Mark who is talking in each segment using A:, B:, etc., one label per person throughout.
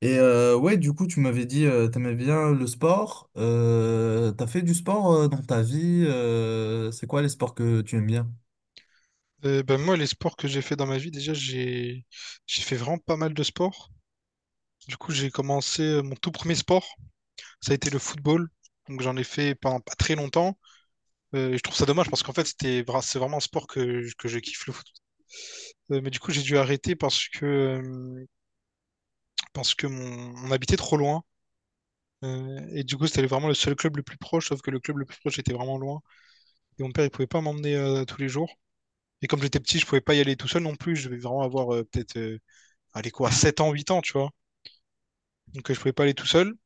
A: Du coup, tu m'avais dit, t'aimais bien le sport. T'as fait du sport dans ta vie. C'est quoi les sports que tu aimes bien?
B: Ben moi, les sports que j'ai fait dans ma vie, déjà, j'ai fait vraiment pas mal de sports. Du coup, j'ai commencé mon tout premier sport, ça a été le football. Donc, j'en ai fait pendant pas très longtemps. Et je trouve ça dommage parce qu'en fait, c'est vraiment un sport que je kiffe le foot. Mais du coup, j'ai dû arrêter parce que on habitait trop loin. Et du coup, c'était vraiment le seul club le plus proche, sauf que le club le plus proche était vraiment loin. Et mon père, il pouvait pas m'emmener tous les jours. Et comme j'étais petit, je pouvais pas y aller tout seul non plus. Je devais vraiment avoir peut-être, allez quoi, 7 ans, 8 ans, tu vois. Donc je pouvais pas aller tout seul.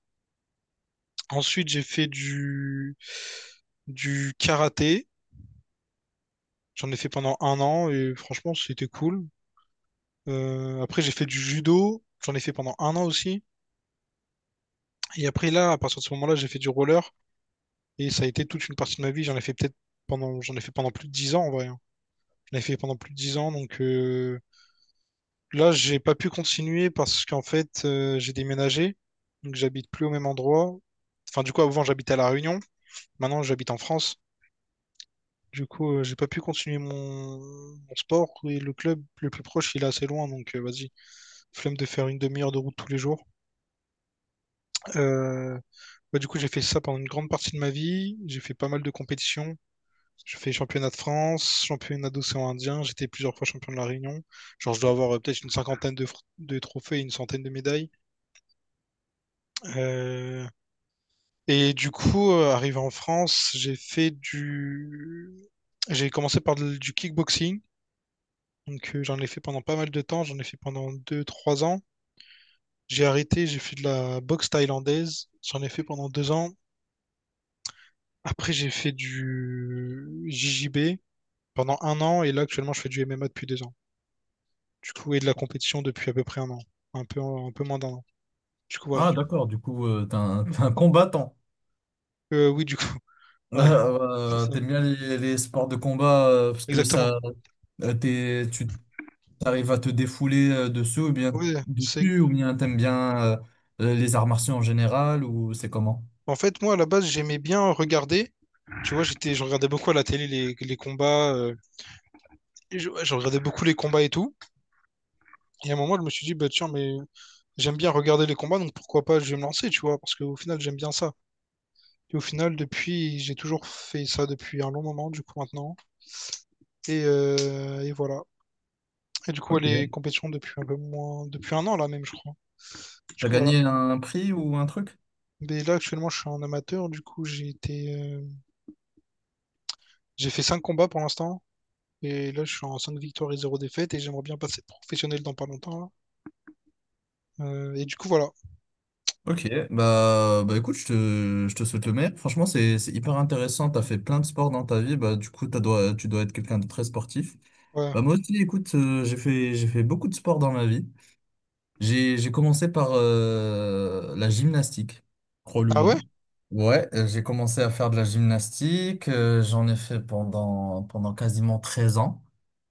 B: Ensuite, du karaté. J'en ai fait pendant un an et franchement, c'était cool. Après, j'ai fait du judo. J'en ai fait pendant un an aussi. Et après, là, à partir de ce moment-là, j'ai fait du roller. Et ça a été toute une partie de ma vie. J'en ai fait pendant plus de 10 ans en vrai, hein. J'en ai fait pendant plus de 10 ans. Là, j'ai pas pu continuer parce qu'en fait, j'ai déménagé. Donc j'habite plus au même endroit. Enfin, du coup, avant, j'habitais à La Réunion. Maintenant, j'habite en France. Du coup, j'ai pas pu continuer mon sport et le club le plus proche, il est assez loin, donc vas-y, flemme de faire une demi-heure de route tous les jours. Euh, du coup, j'ai fait ça pendant une grande partie de ma vie. J'ai fait pas mal de compétitions. J'ai fait championnat de France, championnat d'océan Indien. J'étais plusieurs fois champion de la Réunion. Genre, je dois avoir peut-être une cinquantaine de trophées et une centaine de médailles. Euh, Et du coup, arrivé en France, j'ai commencé par du kickboxing. J'en ai fait pendant pas mal de temps, j'en ai fait pendant deux trois ans. J'ai arrêté, j'ai fait de la boxe thaïlandaise, j'en ai fait pendant 2 ans. Après j'ai fait du JJB pendant un an et là actuellement je fais du MMA depuis 2 ans. Du coup, et de la compétition depuis à peu près un an, un peu moins d'un an. Du coup, voilà.
A: Ah, d'accord, du coup, t'es un combattant.
B: Oui, du coup, ouais, c'est ça.
A: T'aimes bien les sports de combat parce que
B: Exactement.
A: ça, tu arrives à te défouler dessus ou bien
B: Oui, c'est...
A: t'aimes bien les arts martiaux en général ou c'est comment?
B: En fait, moi, à la base, j'aimais bien regarder. Tu vois, je regardais beaucoup à la télé les combats. Et ouais, je regardais beaucoup les combats et tout. Et à un moment, je me suis dit, bah tiens, mais j'aime bien regarder les combats, donc pourquoi pas je vais me lancer, tu vois, parce qu'au final j'aime bien ça. Et au final, depuis, j'ai toujours fait ça depuis un long moment, du coup maintenant. Et voilà. Et du coup, ouais,
A: Ok.
B: les compétitions depuis un peu moins, depuis un an là même, je crois. Du
A: T'as
B: coup voilà.
A: gagné un prix ou un truc?
B: Mais là actuellement, je suis un amateur, du coup j'ai fait 5 combats pour l'instant. Et là, je suis en 5 victoires et 0 défaites, et j'aimerais bien passer professionnel dans pas longtemps là. Et du coup voilà.
A: Ok, bah écoute, je te souhaite le meilleur. Franchement, c'est hyper intéressant. T'as fait plein de sports dans ta vie. Bah, du coup,
B: Mhm.
A: tu dois être quelqu'un de très sportif.
B: Ouais.
A: Bah, moi aussi, écoute, j'ai fait beaucoup de sports dans ma vie. J'ai commencé par la gymnastique, crois-le ou
B: Ah ouais?
A: non. Ouais, j'ai commencé à faire de la gymnastique. J'en ai fait pendant quasiment 13 ans.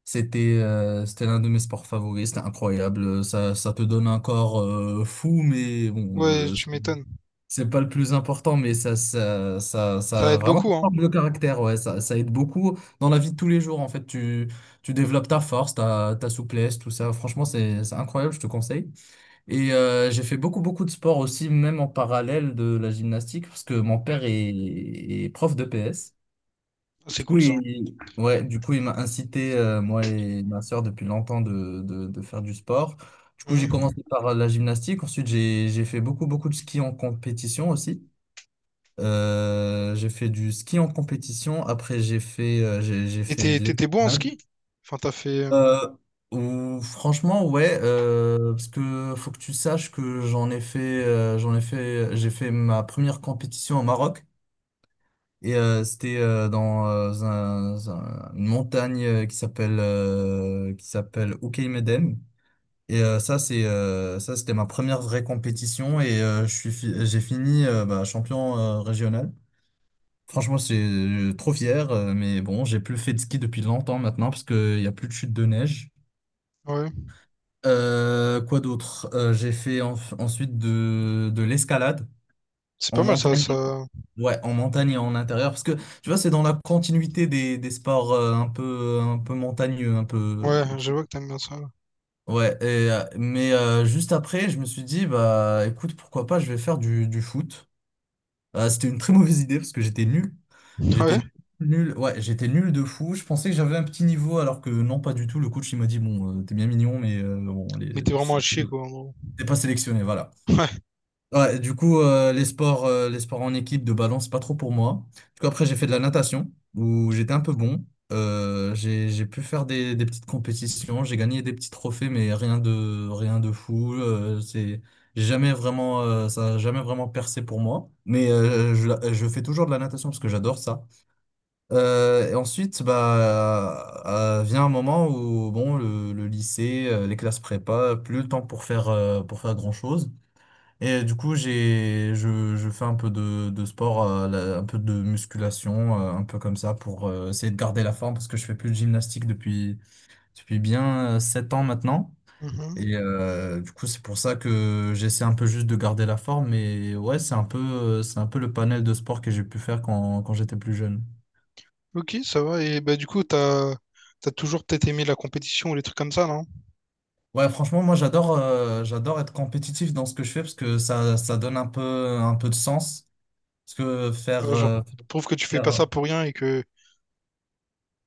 A: C'était l'un de mes sports favoris, c'était incroyable. Ça te donne un corps fou, mais
B: Ouais,
A: bon,
B: tu m'étonnes.
A: c'est pas le plus important, mais
B: Ça
A: ça
B: aide
A: vraiment ça
B: beaucoup, hein.
A: forme le caractère, ouais. Ça aide beaucoup dans la vie de tous les jours, en fait. Tu développes ta force, ta souplesse, tout ça. Franchement, c'est incroyable, je te conseille. Et j'ai fait beaucoup, beaucoup de sport aussi, même en parallèle de la gymnastique, parce que est prof de PS.
B: C'est
A: Du coup,
B: cool ça.
A: il m'a incité, moi et ma sœur, depuis longtemps, de faire du sport. Du coup, j'ai
B: Mhm.
A: commencé par la gymnastique. Ensuite, j'ai fait beaucoup, beaucoup de ski en compétition aussi. J'ai fait du ski en compétition. Après, j'ai
B: Et
A: fait de
B: t'étais bon en
A: l'escalade.
B: ski? Enfin, t'as fait.
A: Euh, Franchement, ouais, parce que faut que tu saches que j'ai fait ma première compétition au Maroc. Et c'était dans un- une montagne qui s'appelle Oukaïmeden. Et ça, c'était ma première vraie compétition. Et j'ai fini bah, champion régional. Franchement, c'est trop fier, mais bon, j'ai plus fait de ski depuis longtemps maintenant parce qu'il n'y a plus de chute de neige.
B: Ouais,
A: Quoi d'autre? J'ai fait ensuite de l'escalade
B: c'est
A: en
B: pas mal ça,
A: montagne.
B: ça.
A: Ouais, en montagne et en intérieur parce que tu vois, c'est dans la continuité des sports un peu montagneux, un peu.
B: Ouais, je vois que t'aimes bien ça.
A: Ouais, et, juste après, je me suis dit, bah écoute, pourquoi pas, je vais faire du foot. C'était une très mauvaise idée parce que j'étais nul.
B: Ouais,
A: J'étais nul, ouais, j'étais nul de fou. Je pensais que j'avais un petit niveau, alors que non, pas du tout. Le coach, il m'a dit, bon, t'es bien mignon, mais bon,
B: mais t'es vraiment à chier quoi, en gros.
A: t'es pas sélectionné, voilà. Ouais, du coup, les sports en équipe de balance, c'est pas trop pour moi. Du coup, après, j'ai fait de la natation, où j'étais un peu bon. J'ai pu faire des petites compétitions, j'ai gagné des petits trophées, mais rien de fou. J'ai jamais vraiment, ça a jamais vraiment percé pour moi. Mais je fais toujours de la natation parce que j'adore ça. Euh, et ensuite, bah, vient un moment où bon, le lycée, les classes prépa, plus le temps pour faire grand-chose. Et du coup, je fais un peu de sport, un peu de musculation, un peu comme ça, pour essayer de garder la forme, parce que je fais plus de gymnastique depuis bien 7 ans maintenant.
B: Ouais. Mhm.
A: Et du coup, c'est pour ça que j'essaie un peu juste de garder la forme. Mais ouais, c'est un peu le panel de sport que j'ai pu faire quand j'étais plus jeune.
B: Ok, ça va. Et bah, du coup, t'as toujours peut-être aimé la compétition ou les trucs comme ça, non?
A: Ouais, franchement, moi j'adore j'adore être compétitif dans ce que je fais parce que ça donne un peu de sens. Parce que
B: Ouais, genre, je trouve que tu fais pas
A: faire-
B: ça pour rien et que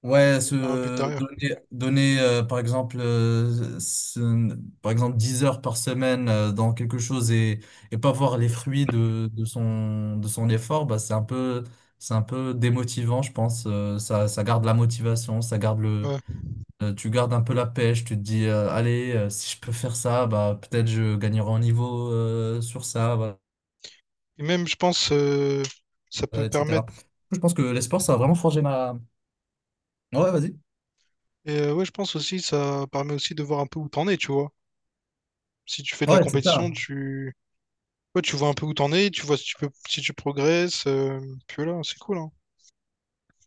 A: ouais,
B: y a un but
A: se
B: derrière.
A: donner donner par exemple par exemple 10 heures par semaine dans quelque chose et pas voir les fruits de son effort, bah c'est un peu démotivant, je pense. Ça, ça garde la motivation, ça garde le.
B: Ouais.
A: Tu gardes un peu la pêche, tu te dis, allez, si je peux faire ça, bah, peut-être je gagnerai en niveau sur ça, voilà,
B: Et même, je pense, ça peut permettre.
A: etc. Je pense que les sports, ça a vraiment forgé ma... Ouais, vas-y.
B: Et ouais, je pense aussi, ça permet aussi de voir un peu où t'en es, tu vois. Si tu fais de la
A: Ouais, c'est ça.
B: compétition, tu. Ouais, tu vois un peu où t'en es, tu vois si tu peux, si tu progresses, puis voilà, c'est cool, hein.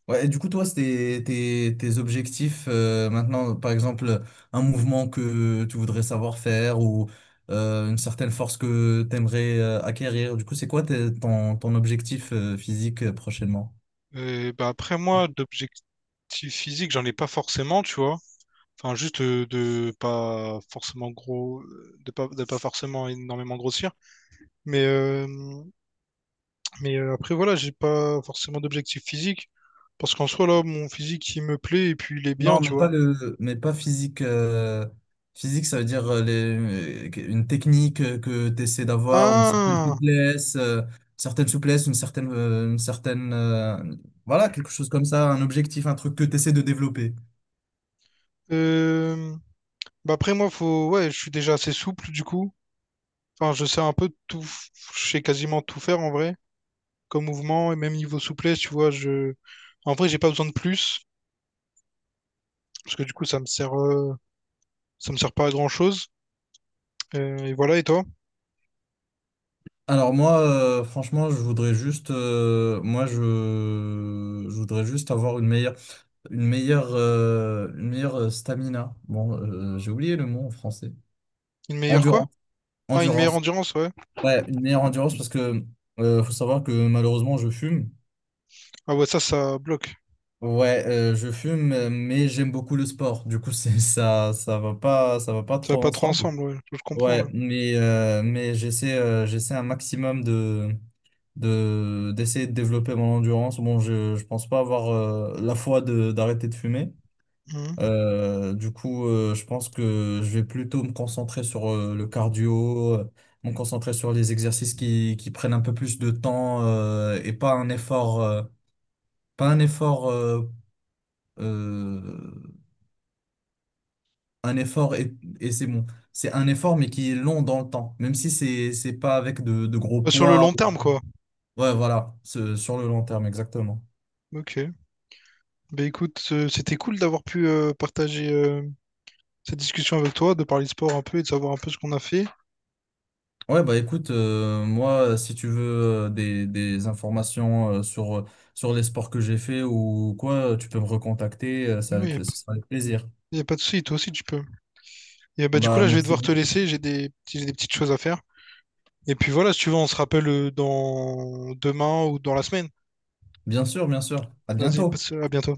A: Ouais, et du coup, toi, c'était tes objectifs maintenant, par exemple, un mouvement que tu voudrais savoir faire ou une certaine force que tu aimerais acquérir. Du coup, c'est quoi ton objectif physique prochainement?
B: Et bah après moi, d'objectifs physiques, j'en ai pas forcément, tu vois. Enfin, juste de pas forcément gros, de pas forcément énormément grossir. Mais, euh, mais après, voilà, j'ai pas forcément d'objectifs physiques. Parce qu'en soi, là, mon physique, il me plaît et puis il est bien,
A: Non,
B: tu
A: mais pas
B: vois.
A: le, mais pas physique. Physique, ça veut dire une technique que tu essaies d'avoir, une certaine
B: Ah!
A: souplesse, une certaine, voilà, quelque chose comme ça, un objectif, un truc que tu essaies de développer.
B: Euh, Bah après, moi, ouais, je suis déjà assez souple, du coup. Enfin, je sais quasiment tout faire en vrai, comme mouvement et même niveau souplesse, tu vois. Je... En vrai, j'ai pas besoin de plus. Parce que du coup, ça me sert pas à grand chose. Et voilà, et toi?
A: Alors moi, franchement, je voudrais juste avoir une meilleure, une meilleure stamina. Bon, j'ai oublié le mot en français.
B: Une meilleure quoi?
A: Endurance,
B: Ah, une meilleure
A: endurance.
B: endurance, ouais.
A: Ouais, une meilleure endurance parce que faut savoir que malheureusement je fume.
B: Ah ouais, ça bloque.
A: Ouais, je fume, mais j'aime beaucoup le sport. Du coup, c'est ça, ça va pas
B: Ça va
A: trop
B: pas trop
A: ensemble.
B: ensemble, ouais. Je comprends,
A: Ouais,
B: ouais.
A: mais j'essaie, j'essaie un maximum de d'essayer de développer mon endurance. Bon, je pense pas avoir la foi de d'arrêter de fumer.
B: Mhm.
A: Du coup, je pense que je vais plutôt me concentrer sur le cardio, me concentrer sur les exercices qui prennent un peu plus de temps et pas un effort, pas un effort, euh, un effort et c'est bon. C'est un effort mais qui est long dans le temps, même si c'est pas avec de gros
B: Bah, sur le
A: poids.
B: long terme, quoi.
A: Ouais, voilà, sur le long terme, exactement.
B: Ok. Bah écoute, c'était cool d'avoir pu partager cette discussion avec toi, de parler de sport un peu et de savoir un peu ce qu'on a fait.
A: Ouais, bah écoute, moi, si tu veux des informations sur les sports que j'ai fait ou quoi, tu peux me recontacter,
B: Il y a,
A: ce
B: pas-
A: sera avec plaisir.
B: Y a pas de souci, toi aussi tu peux. Et bah du coup
A: Bah
B: là, je vais
A: merci
B: devoir te
A: beaucoup.
B: laisser, j'ai des petites choses à faire. Et puis voilà, si tu veux, on se rappelle dans demain ou dans la semaine.
A: Bien sûr, bien sûr. À
B: Vas-y,
A: bientôt.
B: passe, à bientôt.